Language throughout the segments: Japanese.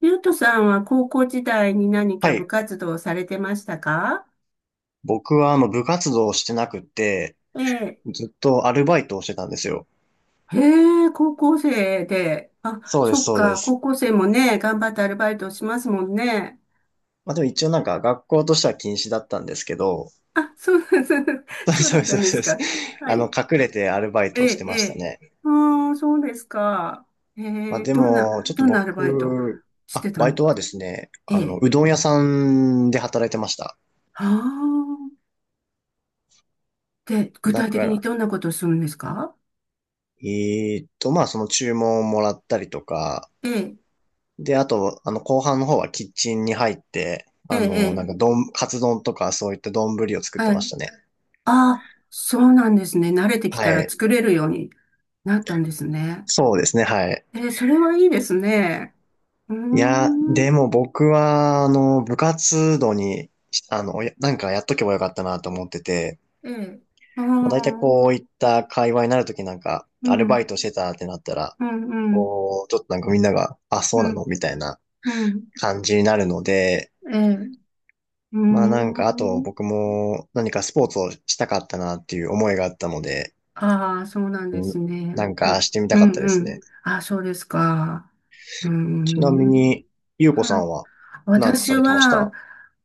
ゆうとさんは高校時代に何はか部い。活動をされてましたか？僕はあの部活動をしてなくて、ええ。ずっとアルバイトをしてたんですよ。へえ、高校生で。あ、そうでそす、っそうでか、す。高校生もね、頑張ってアルバイトをしますもんね。まあでも一応なんか学校としては禁止だったんですけど、あ、そうなんです。そうそだうっでたす、そうんです、でそすうです。か？はあの、い。隠れてアルバイえトをしえ、てまえしたえ。ね。うーん、そうですか。えまあえ、でどんな、も、ちょっとどんなアルバイト僕、しあ、てたバイんでトすか？はですね、えあの、え。うどん屋さんで働いてました。はあ。で、具だ体か的にら、どんなことをするんですか？まあその注文をもらったりとか、ええ、で、あと、あの、後半の方はキッチンに入って、ええ、あえの、なんか、え。丼、カツ丼とかそういった丼を作ってはましい。たね。ああ、そうなんですね。慣れてきはたらい。作れるようになったんですね。そうですね、はい。それはいいですね。うーいや、ん。でも僕は、あの、部活動に、あの、やなんかやっとけばよかったなと思ってて、ええ。ああ、まあ、大体うん、こういった会話になるときなんか、うアルバん、イトしてたってなったら、うん、こう、ちょっとなんかみんなが、あ、そううなん、のみたいなうん。感じになるので、ええ、うーまあなんか、あとん。僕も何かスポーツをしたかったなっていう思いがあったので、ああ、そうなんですなね。んうかん、してみたうかったん、でうすん。ね。ああ、そうですか。うーちなみん。に、ゆうこさはい。んはなんか私されてましは、た？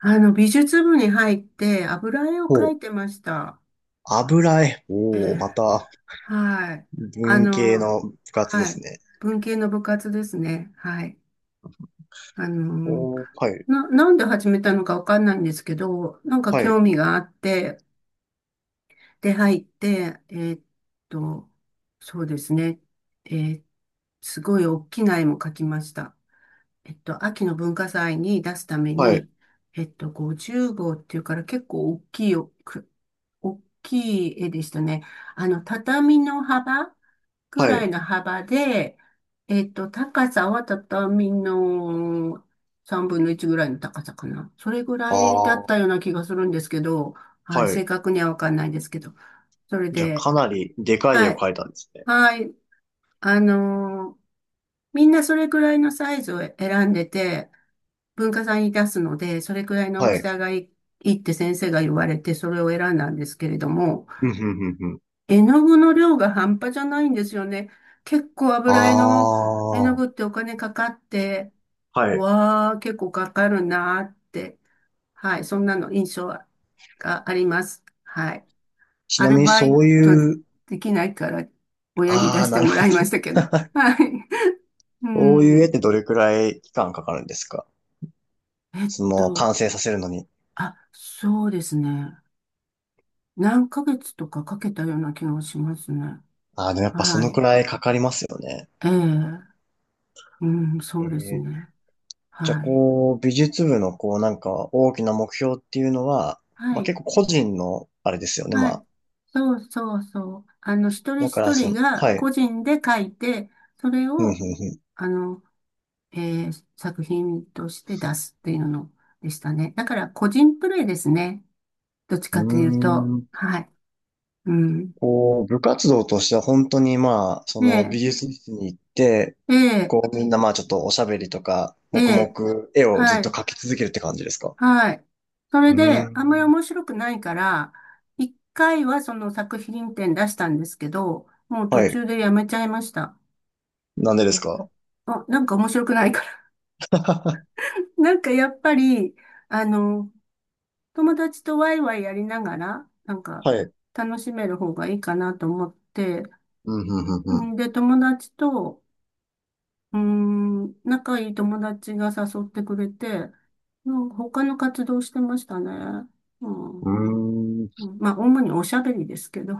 美術部に入って油絵を描お、いてました。油絵。えおお、え。またはい。あ文系の、の部活ではすい。ね。文系の部活ですね。はい。あの、おー、はい、なんで始めたのかわかんないんですけど、なんかはい、興味があって、で、入って、と、そうですね。えーすごい大きな絵も描きました。秋の文化祭に出すためはい、に、50号っていうから結構大きいよ、大きい絵でしたね。畳の幅くはらいい。の幅で、高さは畳の3分の1ぐらいの高さかな。それぐらあいだあ、っはたような気がするんですけど、はい、正い。確にはわかんないですけど。それじゃあで、かなりでかい絵はをい、描いたんですね。はい、あのーみんなそれぐらいのサイズを選んでて、文化祭に出すので、それくらいの大はきい。さがいい、いいって先生が言われて、それを選んだんですけれども、うん、うん、うん、うん。絵の具の量が半端じゃないんですよね。結構あ油絵の絵の具っあ、てお金かかって、はい。わあ、結構かかるなーって、はい、そんなの印象があります。はい。ちアなルみにバイそうトいう、できないから、親にあ出あ、してなるもほらいましど。たけど。はい。うそういう絵っん。てどれくらい期間かかるんですか？えっそのと、完成させるのに。あ、そうですね。何ヶ月とかかけたような気がしますね。ああ、でもやっぱそはのくい。らいかかりますよね。ええ。うん、えそうですー、ね。じゃあ、はい。こう、美術部の、こう、なんか、大きな目標っていうのは、はまあ、い。結構個人の、あれですよね。まはい。あ、そうそうそう。一人だか一ら、そ人の、がはい。個人で書いて、それうん、うを、ん、あの、作品として出すっていうのでしたね。だから個人プレイですね。どっちうかというん。と。うーん、はい。うん。こう、部活動としては本当に、まあ、そえの、美え、術室に行って、ええ、こう、みんな、まあ、ちょっとおしゃべりとか、え黙え、々、絵をずはっとい。描き続けるって感じですか？はい。そうれーで、あんまりん。面白くないから、一回はその作品展出したんですけど、もう途はい。中でやめちゃいました。なんでですえか？あ、なんか面白くないから。なんかやっぱり、あの、友達とワイワイやりながら、なんかはい。楽しめる方がいいかなと思って、うん、うん、うん、んで、友達と、仲いい友達が誘ってくれて、うん、他の活動してましたね。うん。うん。うまあ、主におしゃべりですけど、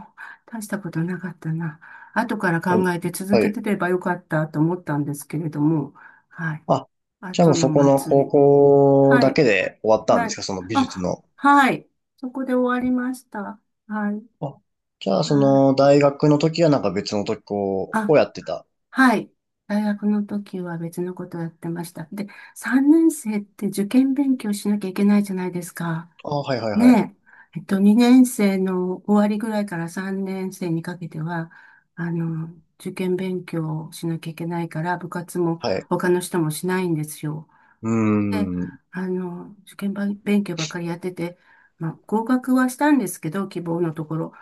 大したことなかったな。後からーん。考えて続はけい。てればよかったと思ったんですけれども、はい。あ、じゃあも後うのそこの祭高り。校はだい。けで終わったんではすい。か、その美術あ、の。はい。そこで終わりました。はい。あ、じゃあはそい。の大学の時はなんか別の時こう、をやあ、ってた。はい。大学の時は別のことをやってました。で、3年生って受験勉強しなきゃいけないじゃないですか。あ、はいはいはい。ねえ、2年生の終わりぐらいから3年生にかけては、受験勉強をしなきゃいけないから、部活もはい。他の人もしないんですよ。うーで、ん。受験ば勉強ばっかりやってて、まあ、合格はしたんですけど、希望のところ。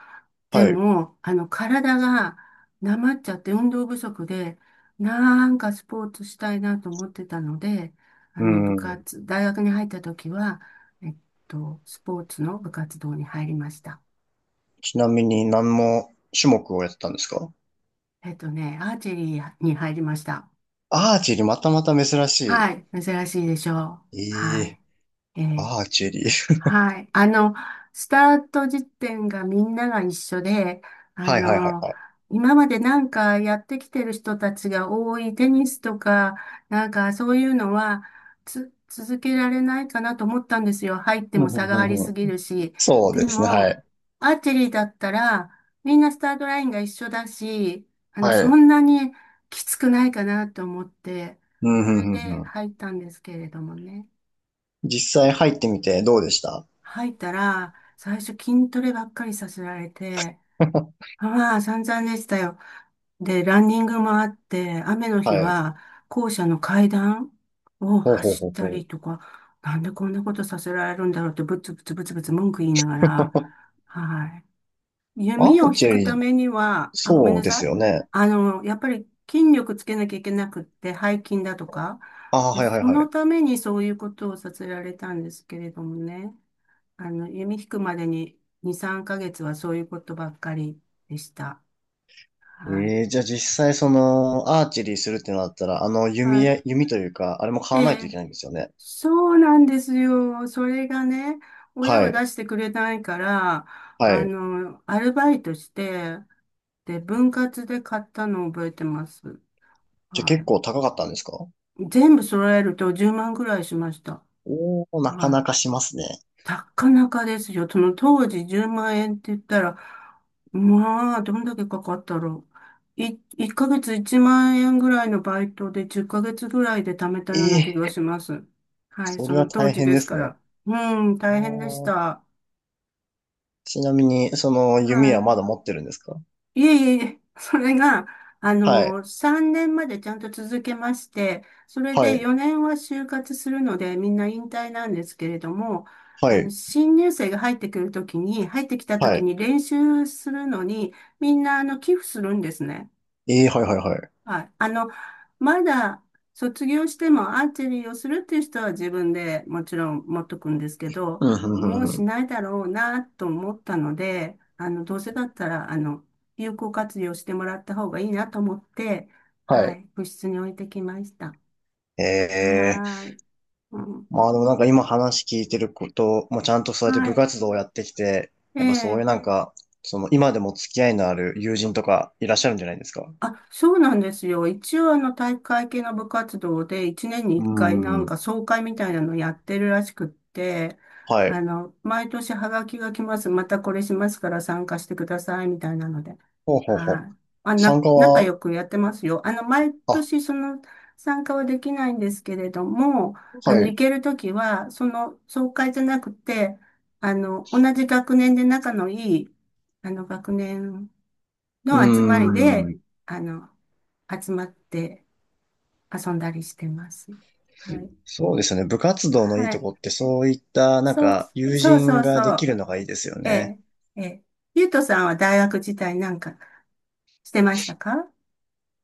ではい。うも、体がなまっちゃって運動不足で、なんかスポーツしたいなと思ってたので、ー部ん。活、大学に入った時は、えっスポーツの部活動に入りました。ちなみに何の種目をやってたんですか？ね、アーチェリーに入りました。アーチェリー、またまた珍しはい、珍しいでしょう。い。えはえ、い。えーアーチェリー。はい。スタート時点がみんなが一緒で、あはいはいはいの、はい。今までなんかやってきてる人たちが多いテニスとか、なんかそういうのは続けられないかなと思ったんですよ。入ってうんうもん差うがありんうすぎん、るし。そうでですね、はも、い。アーチェリーだったら、みんなスタートラインが一緒だし、はそい。んなにきつくないかなと思って、うんそうれでんうんうん、入ったんですけれどもね。実際入ってみてどうでした？ 入ったら、最初筋トレばっかりさせられて、まあ散々でしたよ。で、ランニングもあって、雨の日はい。は校舎の階段をほうほう走ほっうたほう。りとか、なんでこんなことさせられるんだろうってブツブツブツブツ文句言いながら、はい。ア弓ーを引チェくリたー、めには、あ、ごめんそうなでさすい。よね。やっぱり筋力つけなきゃいけなくって、背筋だとか、ああ、で、はいはいそはのい。ためにそういうことをさせられたんですけれどもね。弓引くまでに2、3ヶ月はそういうことばっかりでした。はい。えー、じゃあ実際その、アーチェリーするってなったら、あの、は弓い。や、弓というか、あれもえ買わないといえ、けないんですよね。そうなんですよ。それがね、親ははい、出してくれないから、はい。アルバイトして、で、分割で買ったのを覚えてます。じゃあは結構高かったんですか？い。全部揃えると10万ぐらいしました。おー、なかはなかい。しますね。なかなかですよ。その当時10万円って言ったら、まあ、どんだけかかったろう。1ヶ月1万円ぐらいのバイトで10ヶ月ぐらいで貯めたようなえ気がー、します。はい、そそれのは当大時変でですすかね。ら。うん、あ大変でしー、た。ちなみに、その、弓ははい。まだ持ってるんですか？いえいえいえ、それが、はい、3年までちゃんと続けまして、それはでい、4年は就活するので、みんな引退なんですけれども、はい、新入生が入ってきたとはきい。に練習するのに、みんな、寄付するんですね。えー、はいはいはい。はい。まだ卒業してもアーチェリーをするっていう人は自分でもちろん持っとくんですけど、うん、うもん、ううん、うしん。ないだろうなと思ったので、どうせだったら、有効活用してもらった方がいいなと思って、ははい。い、部室に置いてきました。ええ、はーい。うん、まあでもなんか今話聞いてること、もちゃんとそうやっては部い。活動をやってきて、やっぱそういえうえ。なんか、その今でも付き合いのある友人とかいらっしゃるんじゃないですか？あ、そうなんですよ。一応体育会系の部活動で一年にうー一回なんん。か総会みたいなのやってるらしくって、はい。毎年ハガキが来ます。またこれしますから参加してくださいみたいなので。ほうほうほう。はい。あ、参な、加仲は、良くやってますよ。毎あ、年その参加はできないんですけれども、は行い。けるときは、その総会じゃなくて、同じ学年で仲のいい、学年うーの集まりで、ん。あの、集まって遊んだりしてます。はい。そうですね。部活動のいいはとい。こってそういったなんそう、か友そうそ人うがでそきう。るのがいいですよえね。え、ええ。ゆうとさんは大学時代なんかしてましたか？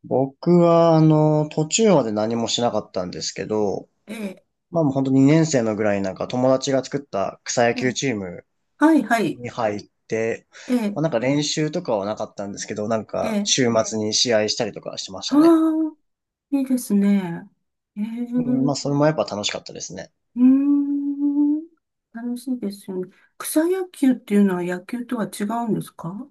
僕はあの、途中まで何もしなかったんですけど、ええ、まあもう本当2年生のぐらいになんか友達が作った草野え球え。チームはい、はい。に入って、ええ、まあ、なんか練習とかはなかったんですけど、なんえかえ。週末に試合したりとかしてましはたね。あ、いいですね。ええ、うん、まうあそれもやっぱ楽しかったですね。ーん。楽しいですよね。草野球っていうのは野球とは違うんですか？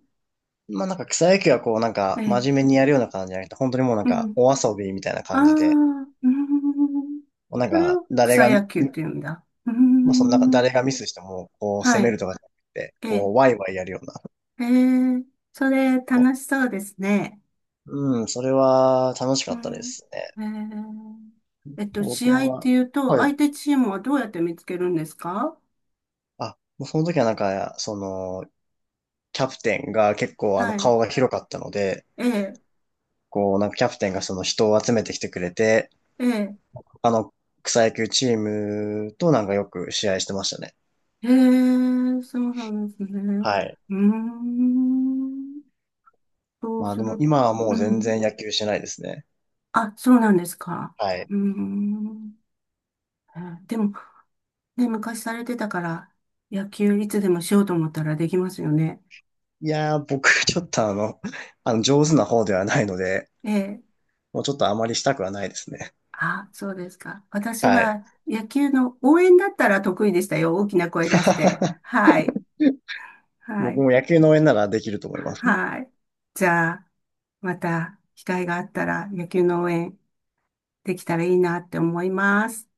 まあなんか草野球はこうなんえか真え、面目にやるような感じじゃなくて、本当にもうなんうかん。お遊びみたいなああ、感じで、うーん。もうなんそれかを誰草が、野球って言うんだ。うーまあそのなんかん。誰がミスしてもこうは攻めい。るとかじゃなくて、えこえ、うワイワイやるような。ええ、それそ楽しそうですね。う。うん、それは楽しかうったでん。すね。ええ、僕試合っては、いうと、は相い。手チームはどうやって見つけるんですか？あ、もうその時はなんか、その、キャプテンが結構あのはい。顔が広かったので、ええ、こう、なんかキャプテンがその人を集めてきてくれて、ええ、他の草野球チームとなんかよく試合してましたね。ええ、そうなんですね。はい。うーん。そうまあすでもる。今はもうう全ん。然野球してないですね。あ、そうなんですか。はい。うーん。ええ。でもね、昔されてたから、野球いつでもしようと思ったらできますよね。いやー、僕ちょっとあの、あの上手な方ではないので、ええ。もうちょっとあまりしたくはないですね。あ、そうですか。私はい。は野球の応援だったら得意でしたよ。大きな声出して。はい。は僕い。も野球の応援ならできると思います。はい。じゃあ、また機会があったら野球の応援できたらいいなって思います。